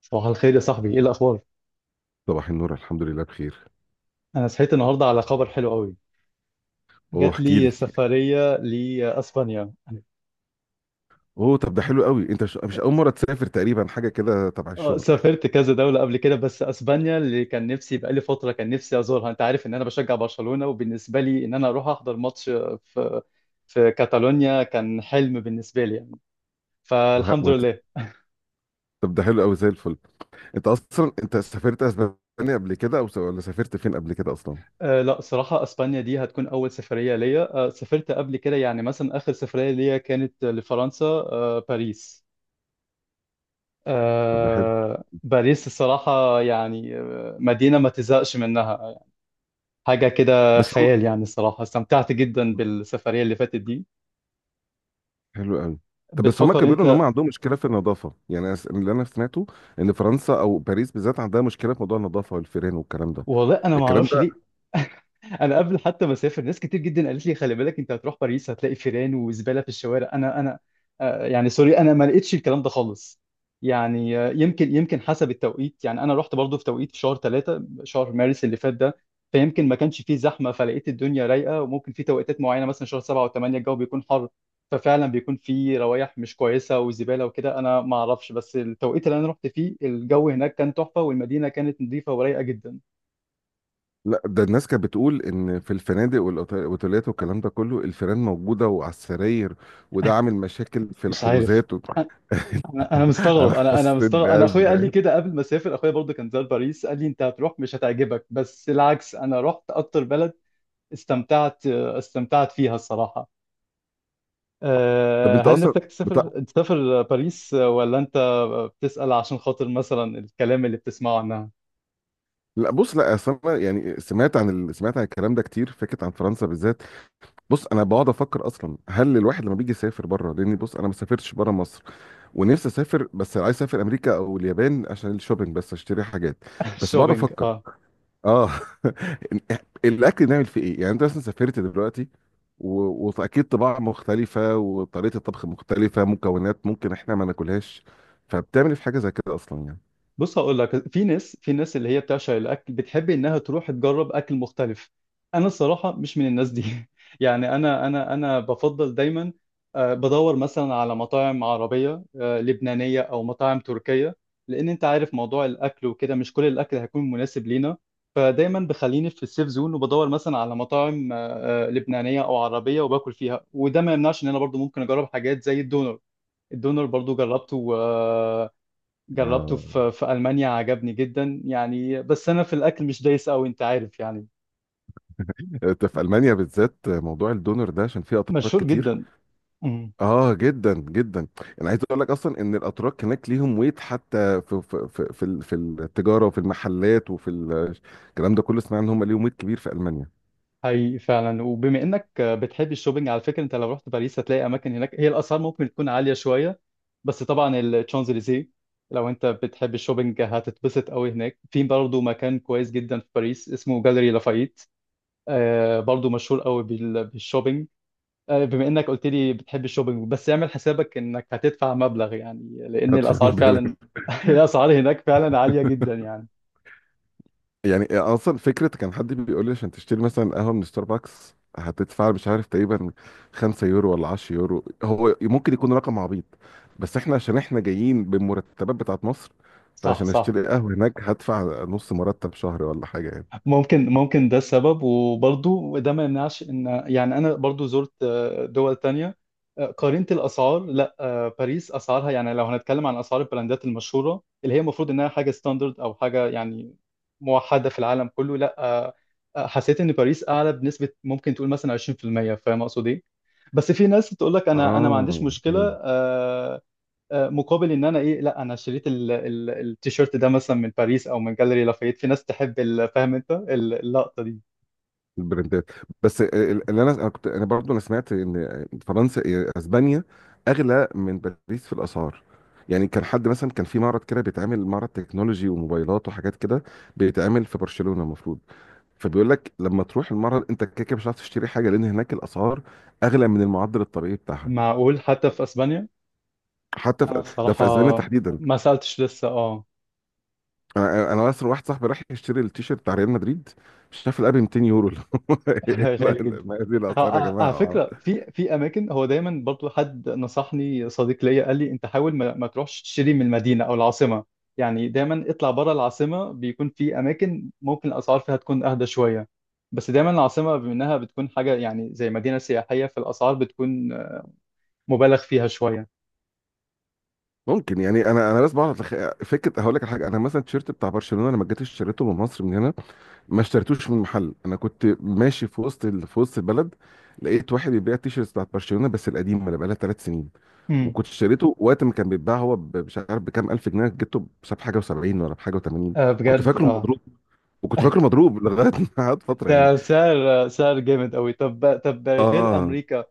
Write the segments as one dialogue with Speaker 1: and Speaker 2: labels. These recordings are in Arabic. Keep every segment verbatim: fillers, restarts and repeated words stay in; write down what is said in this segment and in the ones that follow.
Speaker 1: صباح الخير يا صاحبي، ايه الاخبار؟
Speaker 2: صباح النور، الحمد لله بخير.
Speaker 1: انا صحيت النهارده على خبر حلو قوي.
Speaker 2: اوه،
Speaker 1: جات
Speaker 2: احكي لي.
Speaker 1: لي سفريه لاسبانيا.
Speaker 2: اوه، طب ده حلو قوي. انت مش مش اول مره تسافر، تقريبا حاجه كده تبع
Speaker 1: اه،
Speaker 2: الشغل.
Speaker 1: سافرت كذا دوله قبل كده، بس اسبانيا اللي كان نفسي بقالي فتره كان نفسي ازورها. انت عارف ان انا بشجع برشلونه، وبالنسبه لي ان انا اروح احضر ماتش في في كاتالونيا كان حلم بالنسبه لي يعني.
Speaker 2: وه...
Speaker 1: فالحمد
Speaker 2: وهت...
Speaker 1: لله.
Speaker 2: طب ده حلو قوي، زي الفل. انت اصلا انت سافرت اسبانيا قبل كده، او س... ولا سافرت فين قبل كده اصلا؟
Speaker 1: آه لا، صراحه اسبانيا دي هتكون اول سفريه ليا. آه سافرت قبل كده، يعني مثلا اخر سفريه ليا كانت لفرنسا، آه باريس.
Speaker 2: طب ده حلو.
Speaker 1: آه، باريس الصراحة يعني آه، مدينة ما تزهقش منها. حاجة كده
Speaker 2: بس هم.
Speaker 1: خيال يعني، الصراحة استمتعت جدا بالسفرية اللي فاتت دي.
Speaker 2: حلو قوي. طب بس هما
Speaker 1: بتفكر
Speaker 2: كانوا بيقولوا ان هم
Speaker 1: انت؟
Speaker 2: عندهم مشكله في النظافه، يعني أس- اللي انا سمعته ان فرنسا او باريس بالذات عندها مشكله في موضوع النظافه والفيران والكلام ده.
Speaker 1: والله انا ما
Speaker 2: الكلام.
Speaker 1: اعرفش ليه. انا قبل حتى ما اسافر، ناس كتير جدا قالت لي خلي بالك انت هتروح باريس هتلاقي فيران وزباله في الشوارع. انا انا. آه، يعني سوري انا ما لقيتش الكلام ده خالص. يعني آه، يمكن يمكن حسب التوقيت. يعني انا رحت برضو في توقيت في شهر ثلاثة، شهر مارس اللي فات ده، فيمكن ما كانش فيه زحمه فلقيت الدنيا رايقه. وممكن في توقيتات معينه، مثلا شهر سبعة وثمانية، الجو بيكون حر ففعلا بيكون فيه روايح مش كويسه وزباله وكده، انا ما اعرفش. بس التوقيت اللي انا رحت فيه الجو هناك كان تحفه، والمدينه كانت نظيفه ورايقه جدا.
Speaker 2: لا، ده الناس كانت بتقول ان في الفنادق والاوتيلات والكلام ده كله الفيران موجوده وعلى السراير، وده عامل مشاكل في
Speaker 1: مش عارف.
Speaker 2: الحجوزات و...
Speaker 1: انا أنا
Speaker 2: انا
Speaker 1: مستغرب، انا انا
Speaker 2: حسيت
Speaker 1: مستغرب. انا اخويا قال لي
Speaker 2: بازمه.
Speaker 1: كده قبل ما اسافر، اخويا برضه كان زار باريس قال لي انت هتروح مش هتعجبك، بس العكس، انا رحت اكتر بلد استمتعت استمتعت فيها الصراحة.
Speaker 2: طب
Speaker 1: أه،
Speaker 2: انت
Speaker 1: هل
Speaker 2: اصلا
Speaker 1: نفسك
Speaker 2: بتاع.
Speaker 1: تسافر تسافر باريس، ولا انت بتسأل عشان خاطر مثلا الكلام اللي بتسمعه عنها؟
Speaker 2: لا، بص، لا، اصل انا يعني سمعت عن ال... سمعت عن الكلام ده كتير، فكره عن فرنسا بالذات. بص انا بقعد افكر اصلا، هل الواحد لما بيجي يسافر بره، لان بص انا ما سافرتش بره مصر ونفسي اسافر، بس عايز اسافر امريكا او اليابان عشان الشوبينج، بس اشتري حاجات. بس بقعد
Speaker 1: الشوبينج،
Speaker 2: افكر.
Speaker 1: اه.
Speaker 2: اه. الاكل نعمل فيه ايه؟ يعني انت مثلا سافرت دلوقتي، و- واكيد طباع مختلفه، وطريقه الطبخ مختلفه، مكونات ممكن احنا ما ناكلهاش. فبتعمل إيه في حاجه زي كده اصلا يعني؟
Speaker 1: بص، هقول لك، في ناس في ناس اللي هي بتعشق الاكل، بتحب انها تروح تجرب اكل مختلف. انا الصراحه مش من الناس دي. يعني انا انا انا بفضل دايما آه، بدور مثلا على مطاعم عربيه، آه، لبنانيه او مطاعم تركيه، لان انت عارف موضوع الاكل وكده مش كل الاكل هيكون مناسب لينا. فدايما بخليني في السيف زون وبدور مثلا على مطاعم آه، آه، لبنانيه او عربيه وباكل فيها. وده ما يمنعش ان انا برضو ممكن اجرب حاجات زي الدونر. الدونر برضو جربته، جربته
Speaker 2: اه،
Speaker 1: في في ألمانيا، عجبني جدا يعني. بس أنا في الأكل مش دايس أوي، أنت عارف يعني.
Speaker 2: انت في المانيا بالذات موضوع الدونر ده عشان فيه اتراك
Speaker 1: مشهور
Speaker 2: كتير.
Speaker 1: جدا. مم.
Speaker 2: اه، جدا جدا. انا عايز اقول لك اصلا ان الاتراك هناك ليهم ويت، حتى في في في في ال- في التجاره وفي المحلات وفي ال- الكلام ده كله، سمعنا ان هم ليهم ويت كبير في المانيا.
Speaker 1: حقيقي فعلا. وبما إنك بتحب الشوبينج، على فكرة أنت لو رحت باريس هتلاقي أماكن هناك هي الأسعار ممكن تكون عالية شوية، بس طبعا الشانزليزيه، لو أنت بتحب الشوبينج هتتبسط أوي هناك. في برضه مكان كويس جدا في باريس اسمه جاليري لافايت، آه برضه مشهور أوي بال- بالشوبينج. آه، بما انك قلت لي بتحب الشوبينج، بس اعمل حسابك انك هتدفع مبلغ يعني، لان
Speaker 2: فما
Speaker 1: الاسعار فعلا.
Speaker 2: بالك؟
Speaker 1: الاسعار هناك فعلا عالية جدا يعني.
Speaker 2: يعني اصلا فكره، كان حد بيقول لي عشان تشتري مثلا قهوه من ستاربكس هتدفع مش عارف تقريبا خمسة يورو ولا عشرة يورو. هو ممكن يكون رقم عبيط، بس احنا عشان احنا جايين بالمرتبات بتاعت مصر،
Speaker 1: صح،
Speaker 2: فعشان
Speaker 1: صح.
Speaker 2: اشتري قهوه هناك هدفع نص مرتب شهر ولا حاجه يعني.
Speaker 1: ممكن ممكن ده السبب. وبرضو ده ما يمنعش ان، يعني انا برضو زرت آه، دول تانية، آه، قارنت الاسعار. لا، آه، باريس اسعارها يعني لو هنتكلم عن اسعار البراندات المشهورة اللي هي المفروض انها حاجة ستاندرد او حاجة يعني موحدة في العالم كله، لا آه، آه، حسيت ان باريس اعلى بنسبة ممكن تقول مثلا عشرين في المية، فاهم اقصد ايه؟ بس في ناس تقول لك انا انا ما عنديش
Speaker 2: اه.
Speaker 1: مشكلة آه، آه، مقابل ان انا ايه، لا انا شريت ال- ال- التيشيرت ده مثلا من باريس او من جاليري لافايت. في ناس تحب ال- فاهم انت ال- اللقطه دي.
Speaker 2: البرنتات. بس ال- اللي انا انا كنت انا برضو انا سمعت ان فرنسا إيه، اسبانيا اغلى من باريس في الاسعار. يعني كان حد مثلا، كان في معرض كده بيتعمل، معرض تكنولوجي وموبايلات وحاجات كده، بيتعمل في برشلونة المفروض. فبيقول لك لما تروح المعرض انت كده كده مش هتعرف تشتري حاجه، لان هناك الاسعار اغلى من المعدل الطبيعي بتاعها.
Speaker 1: معقول، حتى في اسبانيا؟
Speaker 2: حتى
Speaker 1: انا
Speaker 2: في ده
Speaker 1: الصراحه
Speaker 2: في اسبانيا تحديدا.
Speaker 1: ما سالتش لسه، اه.
Speaker 2: انا انا اصلا واحد صاحبي راح يشتري التيشيرت بتاع ريال مدريد، شاف الاب ميتين يورو. لا،
Speaker 1: غالي
Speaker 2: لا،
Speaker 1: جدا.
Speaker 2: ما هذه
Speaker 1: اه،
Speaker 2: الاسعار يا
Speaker 1: اه، على
Speaker 2: جماعه آه.
Speaker 1: فكره في في اماكن، هو دايما برضو حد نصحني صديق ليا قال لي انت حاول ما, ما تروحش تشتري من المدينه او العاصمه. يعني دايما اطلع بره العاصمه، بيكون في اماكن ممكن الاسعار فيها تكون اهدى شويه. بس دايما العاصمه بما انها بتكون حاجه يعني زي مدينه سياحيه، فالاسعار بتكون آه، مبالغ فيها شويه.
Speaker 2: ممكن، يعني انا انا بس بعرف أتخ- فكره، هقول لك على حاجه. انا مثلا التيشيرت بتاع برشلونه لما جيت اشتريته من مصر من هنا، ما اشتريتوش من محل. انا كنت ماشي في وسط ال... في وسط البلد، لقيت واحد بيبيع التيشيرت بتاع برشلونه بس القديم، اللي بقالها ثلاث سنين،
Speaker 1: امم
Speaker 2: وكنت اشتريته وقت ما كان بيتباع هو ب- مش عارف بكام، الف جنيه جبته بس بحاجه و70 ولا بحاجه و80.
Speaker 1: آه،
Speaker 2: كنت
Speaker 1: بجد،
Speaker 2: فاكره
Speaker 1: اه.
Speaker 2: مضروب، وكنت فاكره مضروب لغايه ما قعد فتره يعني.
Speaker 1: ده سعر سعر جامد قوي. طب طب غير
Speaker 2: اه.
Speaker 1: امريكا،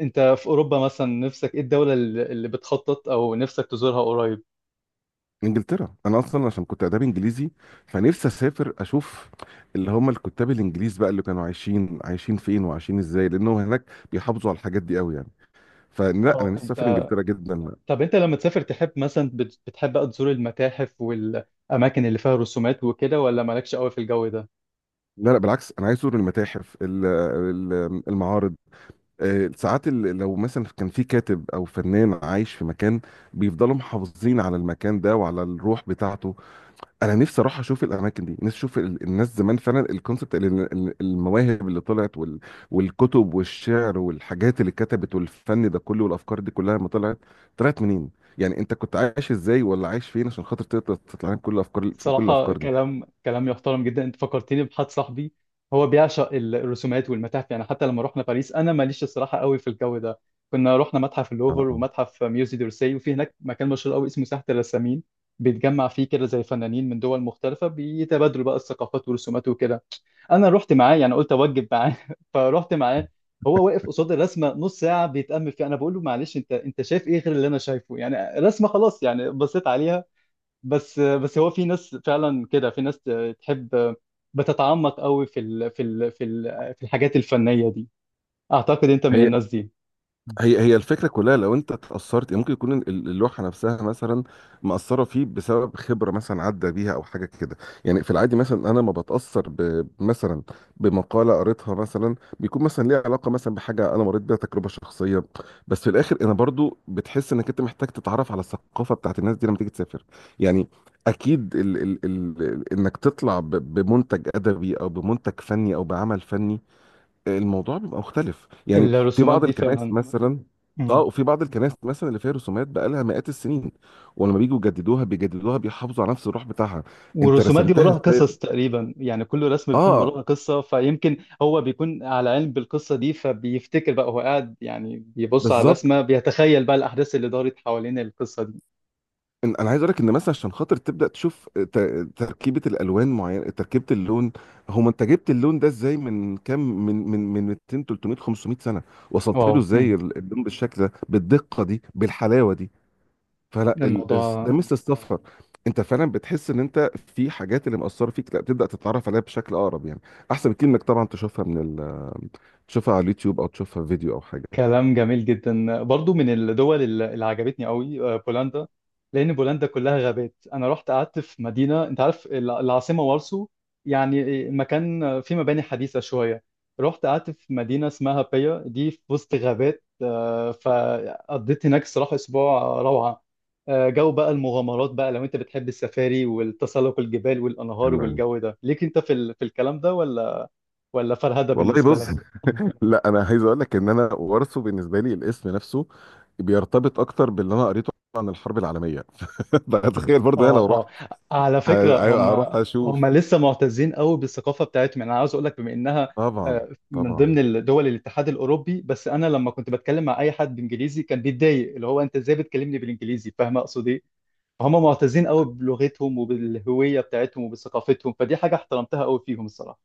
Speaker 1: انت في اوروبا مثلا نفسك ايه الدولة اللي اللي بتخطط او نفسك تزورها قريب؟
Speaker 2: انجلترا، انا اصلا عشان كنت اداب انجليزي، فنفسي اسافر اشوف اللي هم الكتاب الانجليز بقى، اللي كانوا عايشين عايشين فين وعايشين ازاي، لانه هناك بيحافظوا على الحاجات دي قوي يعني. فلا، انا
Speaker 1: اه،
Speaker 2: نفسي اسافر
Speaker 1: انت.
Speaker 2: انجلترا جدا.
Speaker 1: طب انت لما تسافر تحب مثلا بت- بتحب بقى تزور المتاحف والاماكن اللي فيها رسومات وكده، ولا مالكش قوي في الجو ده؟
Speaker 2: لا، لا، بالعكس، انا عايز ازور المتاحف، ال- ال- المعارض. آه، ساعات ال- لو مثلا كان في كاتب او فنان عايش في مكان، بيفضلوا محافظين على المكان ده وعلى الروح بتاعته. انا نفسي اروح اشوف الاماكن دي، نفسي اشوف ال- الناس زمان، فعلا الكونسبت، المواهب اللي طلعت، وال... والكتب والشعر والحاجات اللي اتكتبت والفن ده كله والافكار دي كلها، لما طلعت طلعت منين. يعني انت كنت عايش ازاي ولا عايش فين عشان خاطر تقدر تطلع لك كل الافكار، في كل
Speaker 1: الصراحة
Speaker 2: الافكار دي.
Speaker 1: كلام كلام يحترم جدا. انت فكرتني بحد صاحبي، هو بيعشق الرسومات والمتاحف. يعني حتى لما رحنا باريس، انا ماليش الصراحة قوي في الجو ده، كنا رحنا متحف
Speaker 2: اه،
Speaker 1: اللوفر
Speaker 2: اه.
Speaker 1: ومتحف ميوزي دورسي، وفي هناك مكان مشهور قوي اسمه ساحة الرسامين، بيتجمع فيه كده زي فنانين من دول مختلفة بيتبادلوا بقى الثقافات والرسومات وكده. انا رحت معاه، يعني قلت اوجب معاه. فرحت معاه، هو واقف قصاد الرسمة نص ساعة بيتأمل فيها. انا بقول له معلش انت انت شايف ايه غير اللي انا شايفه؟ يعني رسمة خلاص، يعني بصيت عليها. بس بس هو في ناس فعلا كده، في ناس تحب بتتعمق قوي في ال في ال في ال في الحاجات الفنية دي. اعتقد انت من
Speaker 2: هي
Speaker 1: الناس دي.
Speaker 2: هي هي الفكره كلها، لو انت اتاثرت، يعني ممكن يكون ال- اللوحه نفسها مثلا مأثره فيه بسبب خبره مثلا عدى بيها او حاجه كده. يعني في العادي مثلا انا ما بتاثر ب- مثلا بمقاله قريتها، مثلا بيكون مثلا ليها علاقه مثلا بحاجه انا مريت بيها تجربه شخصيه. بس في الاخر انا برضو بتحس انك انت محتاج تتعرف على الثقافه بتاعت الناس دي لما تيجي تسافر، يعني اكيد ال ال ال انك تطلع ب- بمنتج ادبي او بمنتج فني او بعمل فني، الموضوع بيبقى مختلف يعني. في
Speaker 1: الرسومات
Speaker 2: بعض
Speaker 1: دي
Speaker 2: الكنائس
Speaker 1: فعلا.
Speaker 2: مثلا. اه،
Speaker 1: مم.
Speaker 2: وفي بعض الكنائس مثلا اللي فيها رسومات بقى لها مئات السنين، ولما بيجوا يجددوها بيجددوها بيحافظوا على نفس الروح بتاعها. انت
Speaker 1: والرسومات دي
Speaker 2: رسمتها
Speaker 1: وراها
Speaker 2: ازاي.
Speaker 1: قصص تقريبا، يعني كل رسم بيكون
Speaker 2: اه،
Speaker 1: وراها قصة، فيمكن هو بيكون على علم بالقصة دي فبيفتكر بقى. هو قاعد يعني بيبص على
Speaker 2: بالظبط.
Speaker 1: الرسمة بيتخيل بقى الأحداث اللي دارت حوالين القصة دي.
Speaker 2: إن- انا عايز اقول لك ان مثلا عشان خاطر تبدا تشوف ت- تركيبه الالوان معينه، تركيبه اللون، هو انت جبت اللون ده ازاي؟ من كام، من من من ميتين، تلتميه، خمسمئة سنه، وصلت
Speaker 1: واو.
Speaker 2: له
Speaker 1: مم.
Speaker 2: ازاي ال- اللون بالشكل ده، بالدقه دي، بالحلاوه دي. فلا ال... الس- ده
Speaker 1: الموضوع.
Speaker 2: ميزه السفر، انت فعلا بتحس ان انت في حاجات اللي مأثره فيك، لا بتبدا تتعرف عليها بشكل اقرب يعني، احسن بكتير انك طبعا تشوفها من ال... تشوفها على اليوتيوب او تشوفها في فيديو او حاجه.
Speaker 1: كلام جميل جدا. برضو من الدول اللي اللي عجبتني قوي آه، بولندا. لان بولندا كلها غابات. انا رحت قعدت في مدينه، انت عارف الع- العاصمه وارسو، يعني مكان فيه مباني حديثه شويه. رحت قعدت في مدينه اسمها بيا دي في وسط غابات، آه، فقضيت هناك الصراحه اسبوع روعه. آه، جو بقى المغامرات بقى، لو انت بتحب السفاري والتسلق الجبال والانهار
Speaker 2: حلو قوي.
Speaker 1: والجو ده ليك انت في ال- في الكلام ده، ولا ولا فرهده
Speaker 2: والله
Speaker 1: بالنسبه
Speaker 2: بص
Speaker 1: لك؟
Speaker 2: لا، انا عايز اقول لك ان انا وارثه بالنسبه لي الاسم نفسه بيرتبط اكتر باللي انا قريته عن الحرب العالميه. فتخيل برضه انا لو
Speaker 1: اه، اه،
Speaker 2: رحت
Speaker 1: على فكرة هم،
Speaker 2: ه- هروح اشوف.
Speaker 1: هم لسه معتزين قوي بالثقافة بتاعتهم. يعني انا عاوز اقول لك، بما انها
Speaker 2: طبعا،
Speaker 1: آه، من
Speaker 2: طبعا.
Speaker 1: ضمن دول الاتحاد الاوروبي، بس انا لما كنت بتكلم مع اي حد بانجليزي كان بيتضايق، اللي هو انت ازاي بتكلمني بالانجليزي، فاهم اقصد ايه؟ فهم معتزين قوي بلغتهم وبالهوية بتاعتهم وبثقافتهم، فدي حاجة احترمتها قوي فيهم الصراحة.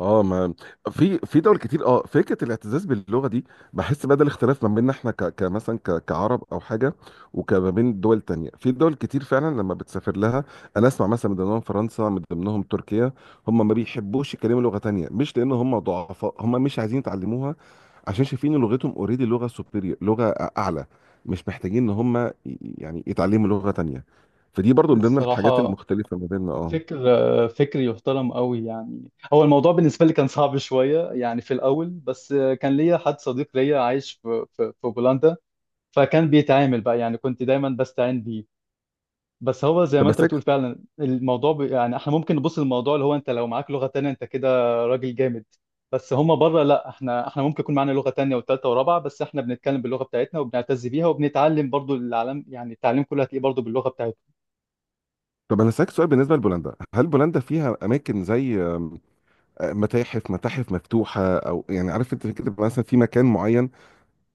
Speaker 2: اه، ما في في دول كتير، اه، فكره الاعتزاز باللغه دي، بحس بدل اختلاف ما بيننا احنا، ك... كمثلا ك... كعرب او حاجه، وكما بين دول تانية، في دول كتير فعلا لما بتسافر لها انا اسمع مثلا، من ضمنهم فرنسا، من ضمنهم تركيا، هم ما بيحبوش يتكلموا لغه تانية، مش لان هم ضعفاء، هم مش عايزين يتعلموها، عشان شايفين إن لغتهم اوريدي لغه سوبيريور، لغه اعلى، مش محتاجين ان هم ي- يعني يتعلموا لغه تانية. فدي برضو من ضمن الحاجات
Speaker 1: الصراحة
Speaker 2: المختلفه ما بيننا. اه.
Speaker 1: فكر، فكر يحترم قوي. يعني هو الموضوع بالنسبة لي كان صعب شوية يعني في الأول، بس كان ليا حد صديق ليا عايش في في في بولندا، فكان بيتعامل بقى، يعني كنت دايما بستعين بيه. بس هو زي
Speaker 2: طب
Speaker 1: ما
Speaker 2: بس.
Speaker 1: انت بتقول فعلا، الموضوع ب... يعني احنا ممكن نبص للموضوع اللي هو انت لو معاك لغة تانية انت كده راجل جامد. بس هما بره لا، احنا احنا ممكن يكون معانا لغة تانية وتالتة ورابعة، بس احنا بنتكلم باللغة بتاعتنا وبنعتز بيها، وبنتعلم برضو العالم. يعني التعليم كله هتلاقيه برضو باللغة بتاعته.
Speaker 2: طب انا اسالك سؤال، بالنسبه لبولندا، هل بولندا فيها اماكن زي آم، آه، متاحف متاحف مفتوحه، او يعني عارف انت كده مثلا في مكان معين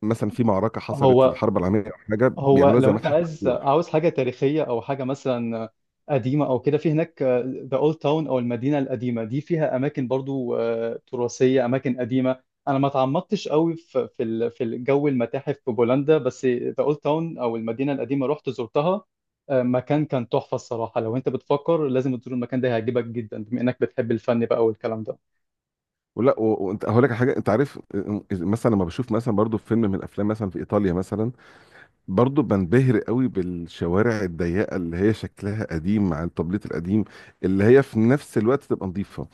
Speaker 2: مثلا في معركه حصلت
Speaker 1: هو
Speaker 2: الحرب العالميه، او حاجه
Speaker 1: هو
Speaker 2: بيعملوها
Speaker 1: لو
Speaker 2: زي
Speaker 1: انت
Speaker 2: متحف
Speaker 1: عايز
Speaker 2: مفتوح؟
Speaker 1: عاوز حاجه تاريخيه او حاجه مثلا قديمه او كده، في هناك ذا اولد تاون او المدينه القديمه دي، فيها اماكن برضو آه، تراثيه، اماكن قديمه. انا ما تعمقتش قوي في في ال- في الجو المتاحف في بولندا، بس ذا اولد تاون او المدينه القديمه رحت زرتها، آه، مكان كان تحفه الصراحه. لو انت بتفكر لازم تزور المكان ده، هيعجبك جدا بما انك بتحب الفن بقى والكلام ده.
Speaker 2: ولا و- وانت هقول لك على حاجه. انت عارف، آه، مثلا لما بشوف مثلا برضو فيلم من الافلام مثلا في ايطاليا مثلا، برضه بنبهر قوي بالشوارع الضيقه اللي هي شكلها قديم، مع التبليط القديم، اللي هي في نفس الوقت تبقى نظيفه.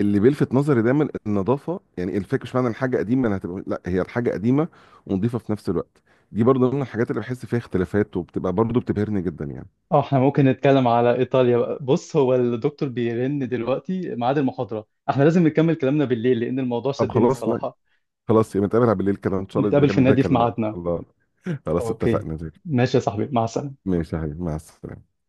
Speaker 2: اللي بيلفت نظري دايما النظافه، يعني الفكره، مش معنى الحاجه قديمه انها هتبقى، لا، هي الحاجه قديمه ونظيفه في نفس الوقت. دي برضه من الحاجات اللي بحس فيها اختلافات، وبتبقى برضه بتبهرني جدا يعني.
Speaker 1: اه، احنا ممكن نتكلم على ايطاليا بقى. بص، هو الدكتور بيرن دلوقتي ميعاد المحاضرة، احنا لازم نكمل كلامنا بالليل لأن الموضوع
Speaker 2: طب
Speaker 1: شدني
Speaker 2: خلاص، لا،
Speaker 1: الصراحة.
Speaker 2: خلاص يبقى نتقابل على بالليل كده، ان شاء الله
Speaker 1: نتقابل في
Speaker 2: نكمل بقى
Speaker 1: النادي في
Speaker 2: كلامنا.
Speaker 1: ميعادنا.
Speaker 2: الله. خلاص،
Speaker 1: اوكي،
Speaker 2: اتفقنا.
Speaker 1: ماشي يا صاحبي، مع السلامة.
Speaker 2: ماشي يا حبيبي، مع السلامه.